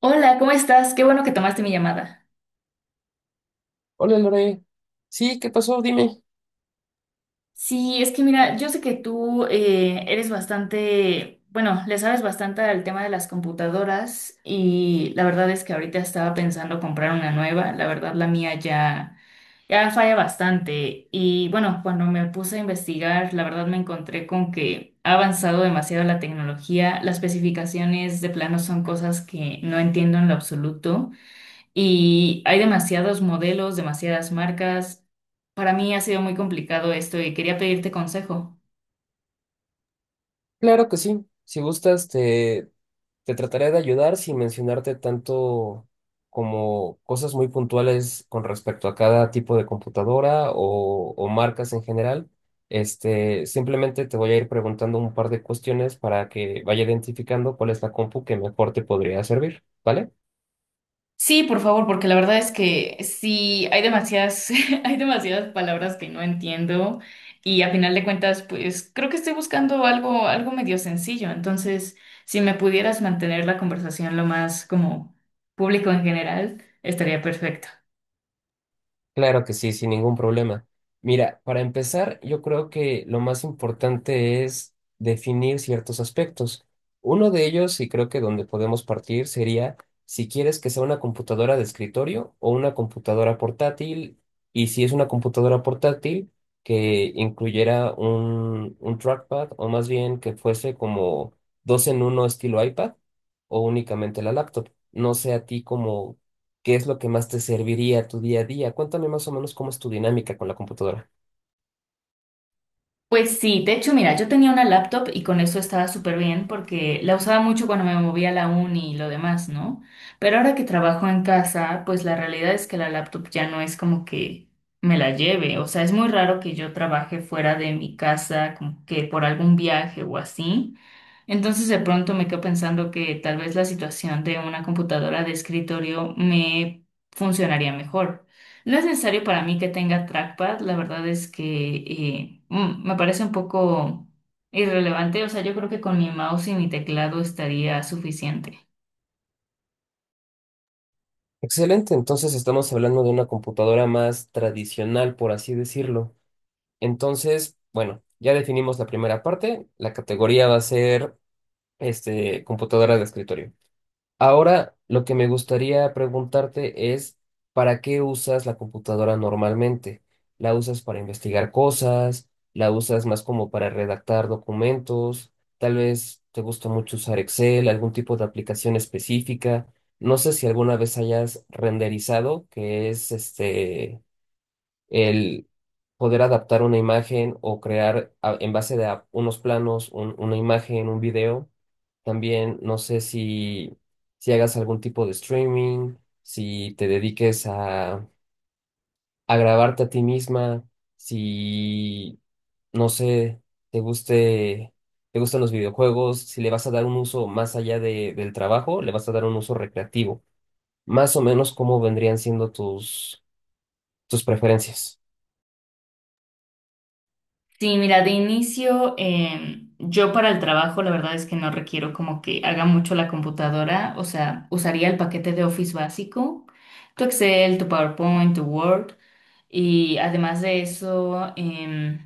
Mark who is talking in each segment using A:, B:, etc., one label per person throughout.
A: Hola, ¿cómo estás? Qué bueno que tomaste mi llamada.
B: Hola Lore. Sí, ¿qué pasó? Dime.
A: Sí, es que mira, yo sé que tú eres bastante, bueno, le sabes bastante al tema de las computadoras y la verdad es que ahorita estaba pensando comprar una nueva. La verdad, ya falla bastante. Y bueno, cuando me puse a investigar, la verdad me encontré con que ha avanzado demasiado la tecnología. Las especificaciones de plano son cosas que no entiendo en lo absoluto. Y hay demasiados modelos, demasiadas marcas. Para mí ha sido muy complicado esto y quería pedirte consejo.
B: Claro que sí. Si gustas, te trataré de ayudar sin mencionarte tanto como cosas muy puntuales con respecto a cada tipo de computadora o marcas en general. Simplemente te voy a ir preguntando un par de cuestiones para que vaya identificando cuál es la compu que mejor te podría servir, ¿vale?
A: Sí, por favor, porque la verdad es que sí, hay demasiadas palabras que no entiendo y a final de cuentas, pues creo que estoy buscando algo medio sencillo. Entonces, si me pudieras mantener la conversación lo más como público en general, estaría perfecto.
B: Claro que sí, sin ningún problema. Mira, para empezar, yo creo que lo más importante es definir ciertos aspectos. Uno de ellos, y creo que donde podemos partir, sería si quieres que sea una computadora de escritorio o una computadora portátil, y si es una computadora portátil, que incluyera un trackpad, o más bien que fuese como dos en uno estilo iPad, o únicamente la laptop. No sé a ti como qué es lo que más te serviría a tu día a día. Cuéntame más o menos cómo es tu dinámica con la computadora.
A: Pues sí, de hecho, mira, yo tenía una laptop y con eso estaba súper bien porque la usaba mucho cuando me movía a la uni y lo demás, ¿no? Pero ahora que trabajo en casa, pues la realidad es que la laptop ya no es como que me la lleve. O sea, es muy raro que yo trabaje fuera de mi casa, como que por algún viaje o así. Entonces de pronto me quedo pensando que tal vez la situación de una computadora de escritorio me funcionaría mejor. No es necesario para mí que tenga trackpad, la verdad es que me parece un poco irrelevante, o sea, yo creo que con mi mouse y mi teclado estaría suficiente.
B: Excelente, entonces estamos hablando de una computadora más tradicional, por así decirlo. Entonces, bueno, ya definimos la primera parte. La categoría va a ser computadora de escritorio. Ahora, lo que me gustaría preguntarte es, ¿para qué usas la computadora normalmente? ¿La usas para investigar cosas? ¿La usas más como para redactar documentos? Tal vez te gusta mucho usar Excel, algún tipo de aplicación específica. No sé si alguna vez hayas renderizado, que es este el poder adaptar una imagen o crear en base de unos planos una imagen, un video. También no sé si, si hagas algún tipo de streaming, si te dediques a grabarte a ti misma, si, no sé, te guste, te gustan los videojuegos, si le vas a dar un uso más allá del trabajo, le vas a dar un uso recreativo. Más o menos cómo vendrían siendo tus preferencias.
A: Sí, mira, de inicio, yo para el trabajo la verdad es que no requiero como que haga mucho la computadora, o sea, usaría el paquete de Office básico, tu Excel, tu PowerPoint, tu Word, y además de eso,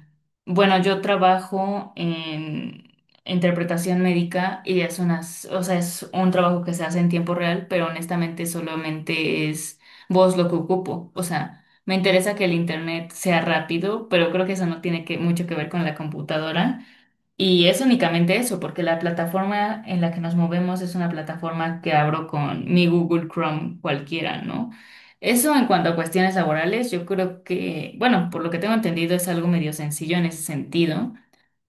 A: bueno, yo trabajo en interpretación médica y es o sea, es un trabajo que se hace en tiempo real, pero honestamente solamente es voz lo que ocupo, o sea. Me interesa que el internet sea rápido, pero creo que eso no tiene mucho que ver con la computadora. Y es únicamente eso, porque la plataforma en la que nos movemos es una plataforma que abro con mi Google Chrome cualquiera, ¿no? Eso en cuanto a cuestiones laborales, yo creo que, bueno, por lo que tengo entendido es algo medio sencillo en ese sentido.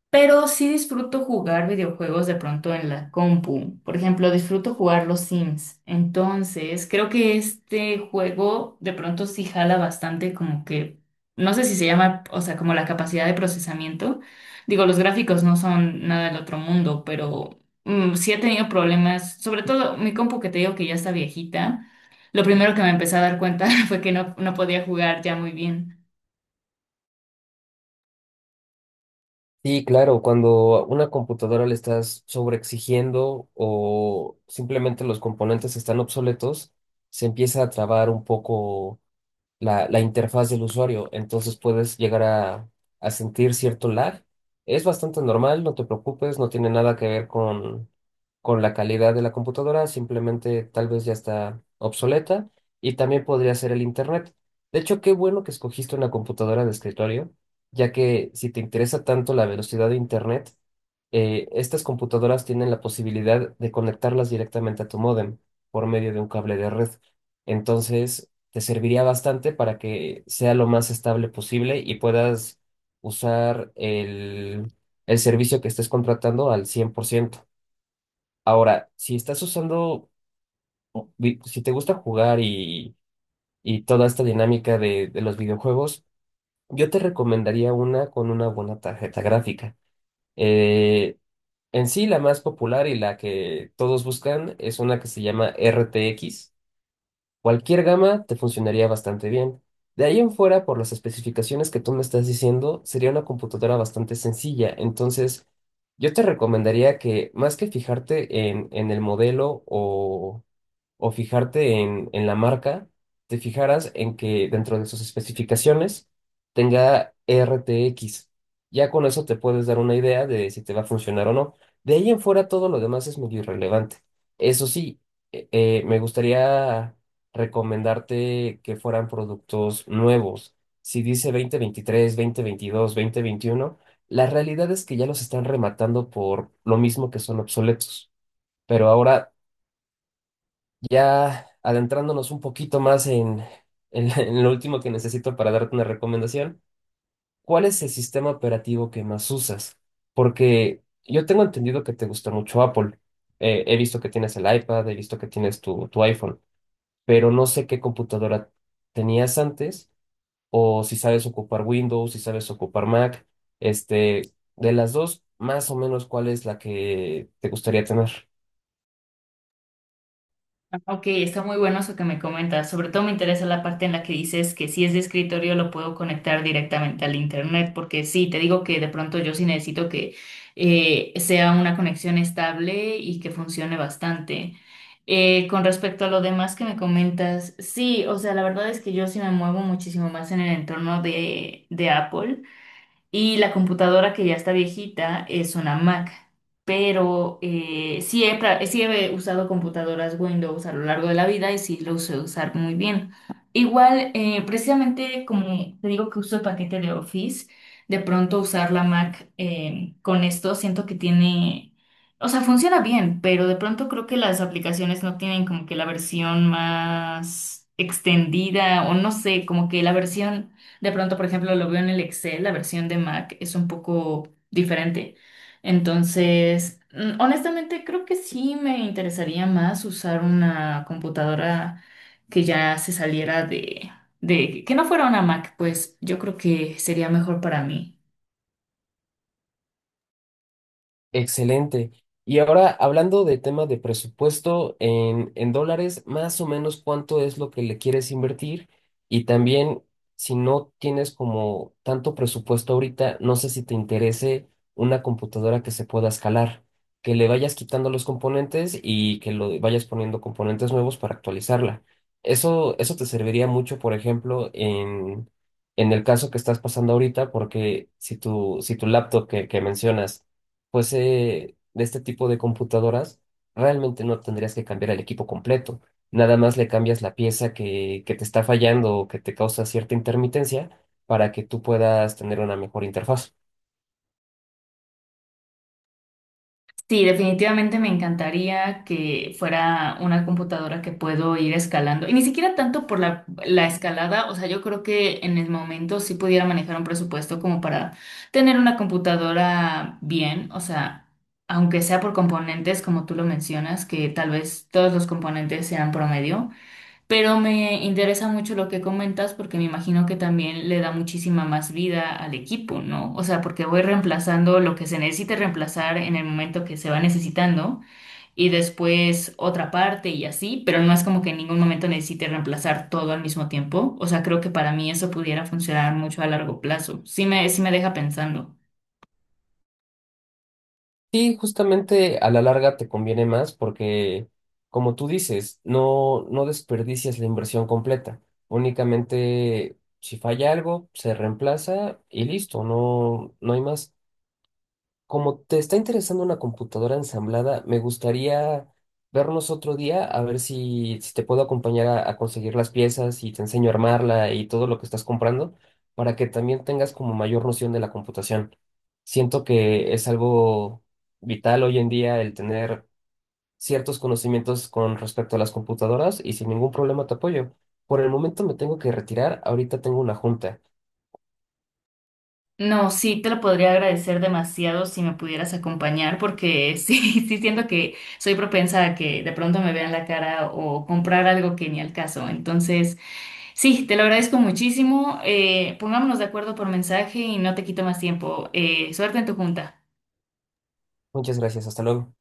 A: Pero sí disfruto jugar videojuegos de pronto en la compu. Por ejemplo, disfruto jugar los Sims. Entonces, creo que este juego de pronto sí jala bastante como que, no sé si se llama, o sea, como la capacidad de procesamiento. Digo, los gráficos no son nada del otro mundo, pero sí he tenido problemas. Sobre todo mi compu que te digo que ya está viejita. Lo primero que me empecé a dar cuenta fue que no podía jugar ya muy bien.
B: Sí, claro, cuando a una computadora le estás sobreexigiendo o simplemente los componentes están obsoletos, se empieza a trabar un poco la interfaz del usuario, entonces puedes llegar a sentir cierto lag. Es bastante normal, no te preocupes, no tiene nada que ver con la calidad de la computadora, simplemente tal vez ya está obsoleta y también podría ser el internet. De hecho, qué bueno que escogiste una computadora de escritorio, ya que si te interesa tanto la velocidad de internet, estas computadoras tienen la posibilidad de conectarlas directamente a tu módem por medio de un cable de red. Entonces, te serviría bastante para que sea lo más estable posible y puedas usar el servicio que estés contratando al 100%. Ahora, si estás usando, si te gusta jugar y toda esta dinámica de los videojuegos, yo te recomendaría una con una buena tarjeta gráfica. Eh, en sí, la más popular y la que todos buscan es una que se llama RTX. Cualquier gama te funcionaría bastante bien. De ahí en fuera, por las especificaciones que tú me estás diciendo, sería una computadora bastante sencilla. Entonces, yo te recomendaría que más que fijarte en el modelo o o fijarte en la marca, te fijaras en que dentro de sus especificaciones tenga RTX. Ya con eso te puedes dar una idea de si te va a funcionar o no. De ahí en fuera todo lo demás es medio irrelevante. Eso sí, me gustaría recomendarte que fueran productos nuevos. Si dice 2023, 2022, veintiuno, la realidad es que ya los están rematando por lo mismo que son obsoletos, pero ahora ya adentrándonos un poquito más en lo último que necesito para darte una recomendación, ¿cuál es el sistema operativo que más usas? Porque yo tengo entendido que te gusta mucho Apple. He visto que tienes el iPad, he visto que tienes tu iPhone, pero no sé qué computadora tenías antes o si sabes ocupar Windows, si sabes ocupar Mac. Este, de las dos, más o menos, ¿cuál es la que te gustaría tener?
A: Ok, está muy bueno eso que me comentas. Sobre todo me interesa la parte en la que dices que si es de escritorio lo puedo conectar directamente al internet, porque sí, te digo que de pronto yo sí necesito que sea una conexión estable y que funcione bastante. Con respecto a lo demás que me comentas, sí, o sea, la verdad es que yo sí me muevo muchísimo más en el entorno de Apple. Y la computadora que ya está viejita es una Mac, pero sí he usado computadoras Windows a lo largo de la vida y sí lo sé usar muy bien. Igual, precisamente como te digo que uso el paquete de Office, de pronto usar la Mac con esto siento que tiene, o sea, funciona bien, pero de pronto creo que las aplicaciones no tienen como que la versión más extendida o no sé, como que la versión... De pronto, por ejemplo, lo veo en el Excel, la versión de Mac es un poco diferente. Entonces, honestamente, creo que sí me interesaría más usar una computadora que ya se saliera que no fuera una Mac, pues yo creo que sería mejor para mí.
B: Excelente. Y ahora, hablando de tema de presupuesto en dólares, más o menos cuánto es lo que le quieres invertir. Y también, si no tienes como tanto presupuesto ahorita, no sé si te interese una computadora que se pueda escalar, que le vayas quitando los componentes y que lo vayas poniendo componentes nuevos para actualizarla. Eso te serviría mucho, por ejemplo, en el caso que estás pasando ahorita, porque si tu, si tu laptop que mencionas fuese de este tipo de computadoras, realmente no tendrías que cambiar el equipo completo. Nada más le cambias la pieza que te está fallando o que te causa cierta intermitencia para que tú puedas tener una mejor interfaz.
A: Sí, definitivamente me encantaría que fuera una computadora que puedo ir escalando. Y ni siquiera tanto por la escalada, o sea, yo creo que en el momento sí pudiera manejar un presupuesto como para tener una computadora bien, o sea, aunque sea por componentes, como tú lo mencionas, que tal vez todos los componentes sean promedio. Pero me interesa mucho lo que comentas porque me imagino que también le da muchísima más vida al equipo, ¿no? O sea, porque voy reemplazando lo que se necesite reemplazar en el momento que se va necesitando y después otra parte y así, pero no es como que en ningún momento necesite reemplazar todo al mismo tiempo. O sea, creo que para mí eso pudiera funcionar mucho a largo plazo. Sí me deja pensando.
B: Sí, justamente a la larga te conviene más porque, como tú dices, no, no desperdicias la inversión completa. Únicamente si falla algo, se reemplaza y listo, no, no hay más. Como te está interesando una computadora ensamblada, me gustaría vernos otro día a ver si, si te puedo acompañar a conseguir las piezas y te enseño a armarla y todo lo que estás comprando para que también tengas como mayor noción de la computación. Siento que es algo vital hoy en día el tener ciertos conocimientos con respecto a las computadoras y sin ningún problema te apoyo. Por el momento me tengo que retirar, ahorita tengo una junta.
A: No, sí, te lo podría agradecer demasiado si me pudieras acompañar, porque sí, sí siento que soy propensa a que de pronto me vean la cara o comprar algo que ni al caso. Entonces, sí, te lo agradezco muchísimo. Pongámonos de acuerdo por mensaje y no te quito más tiempo. Suerte en tu junta.
B: Muchas gracias, hasta luego.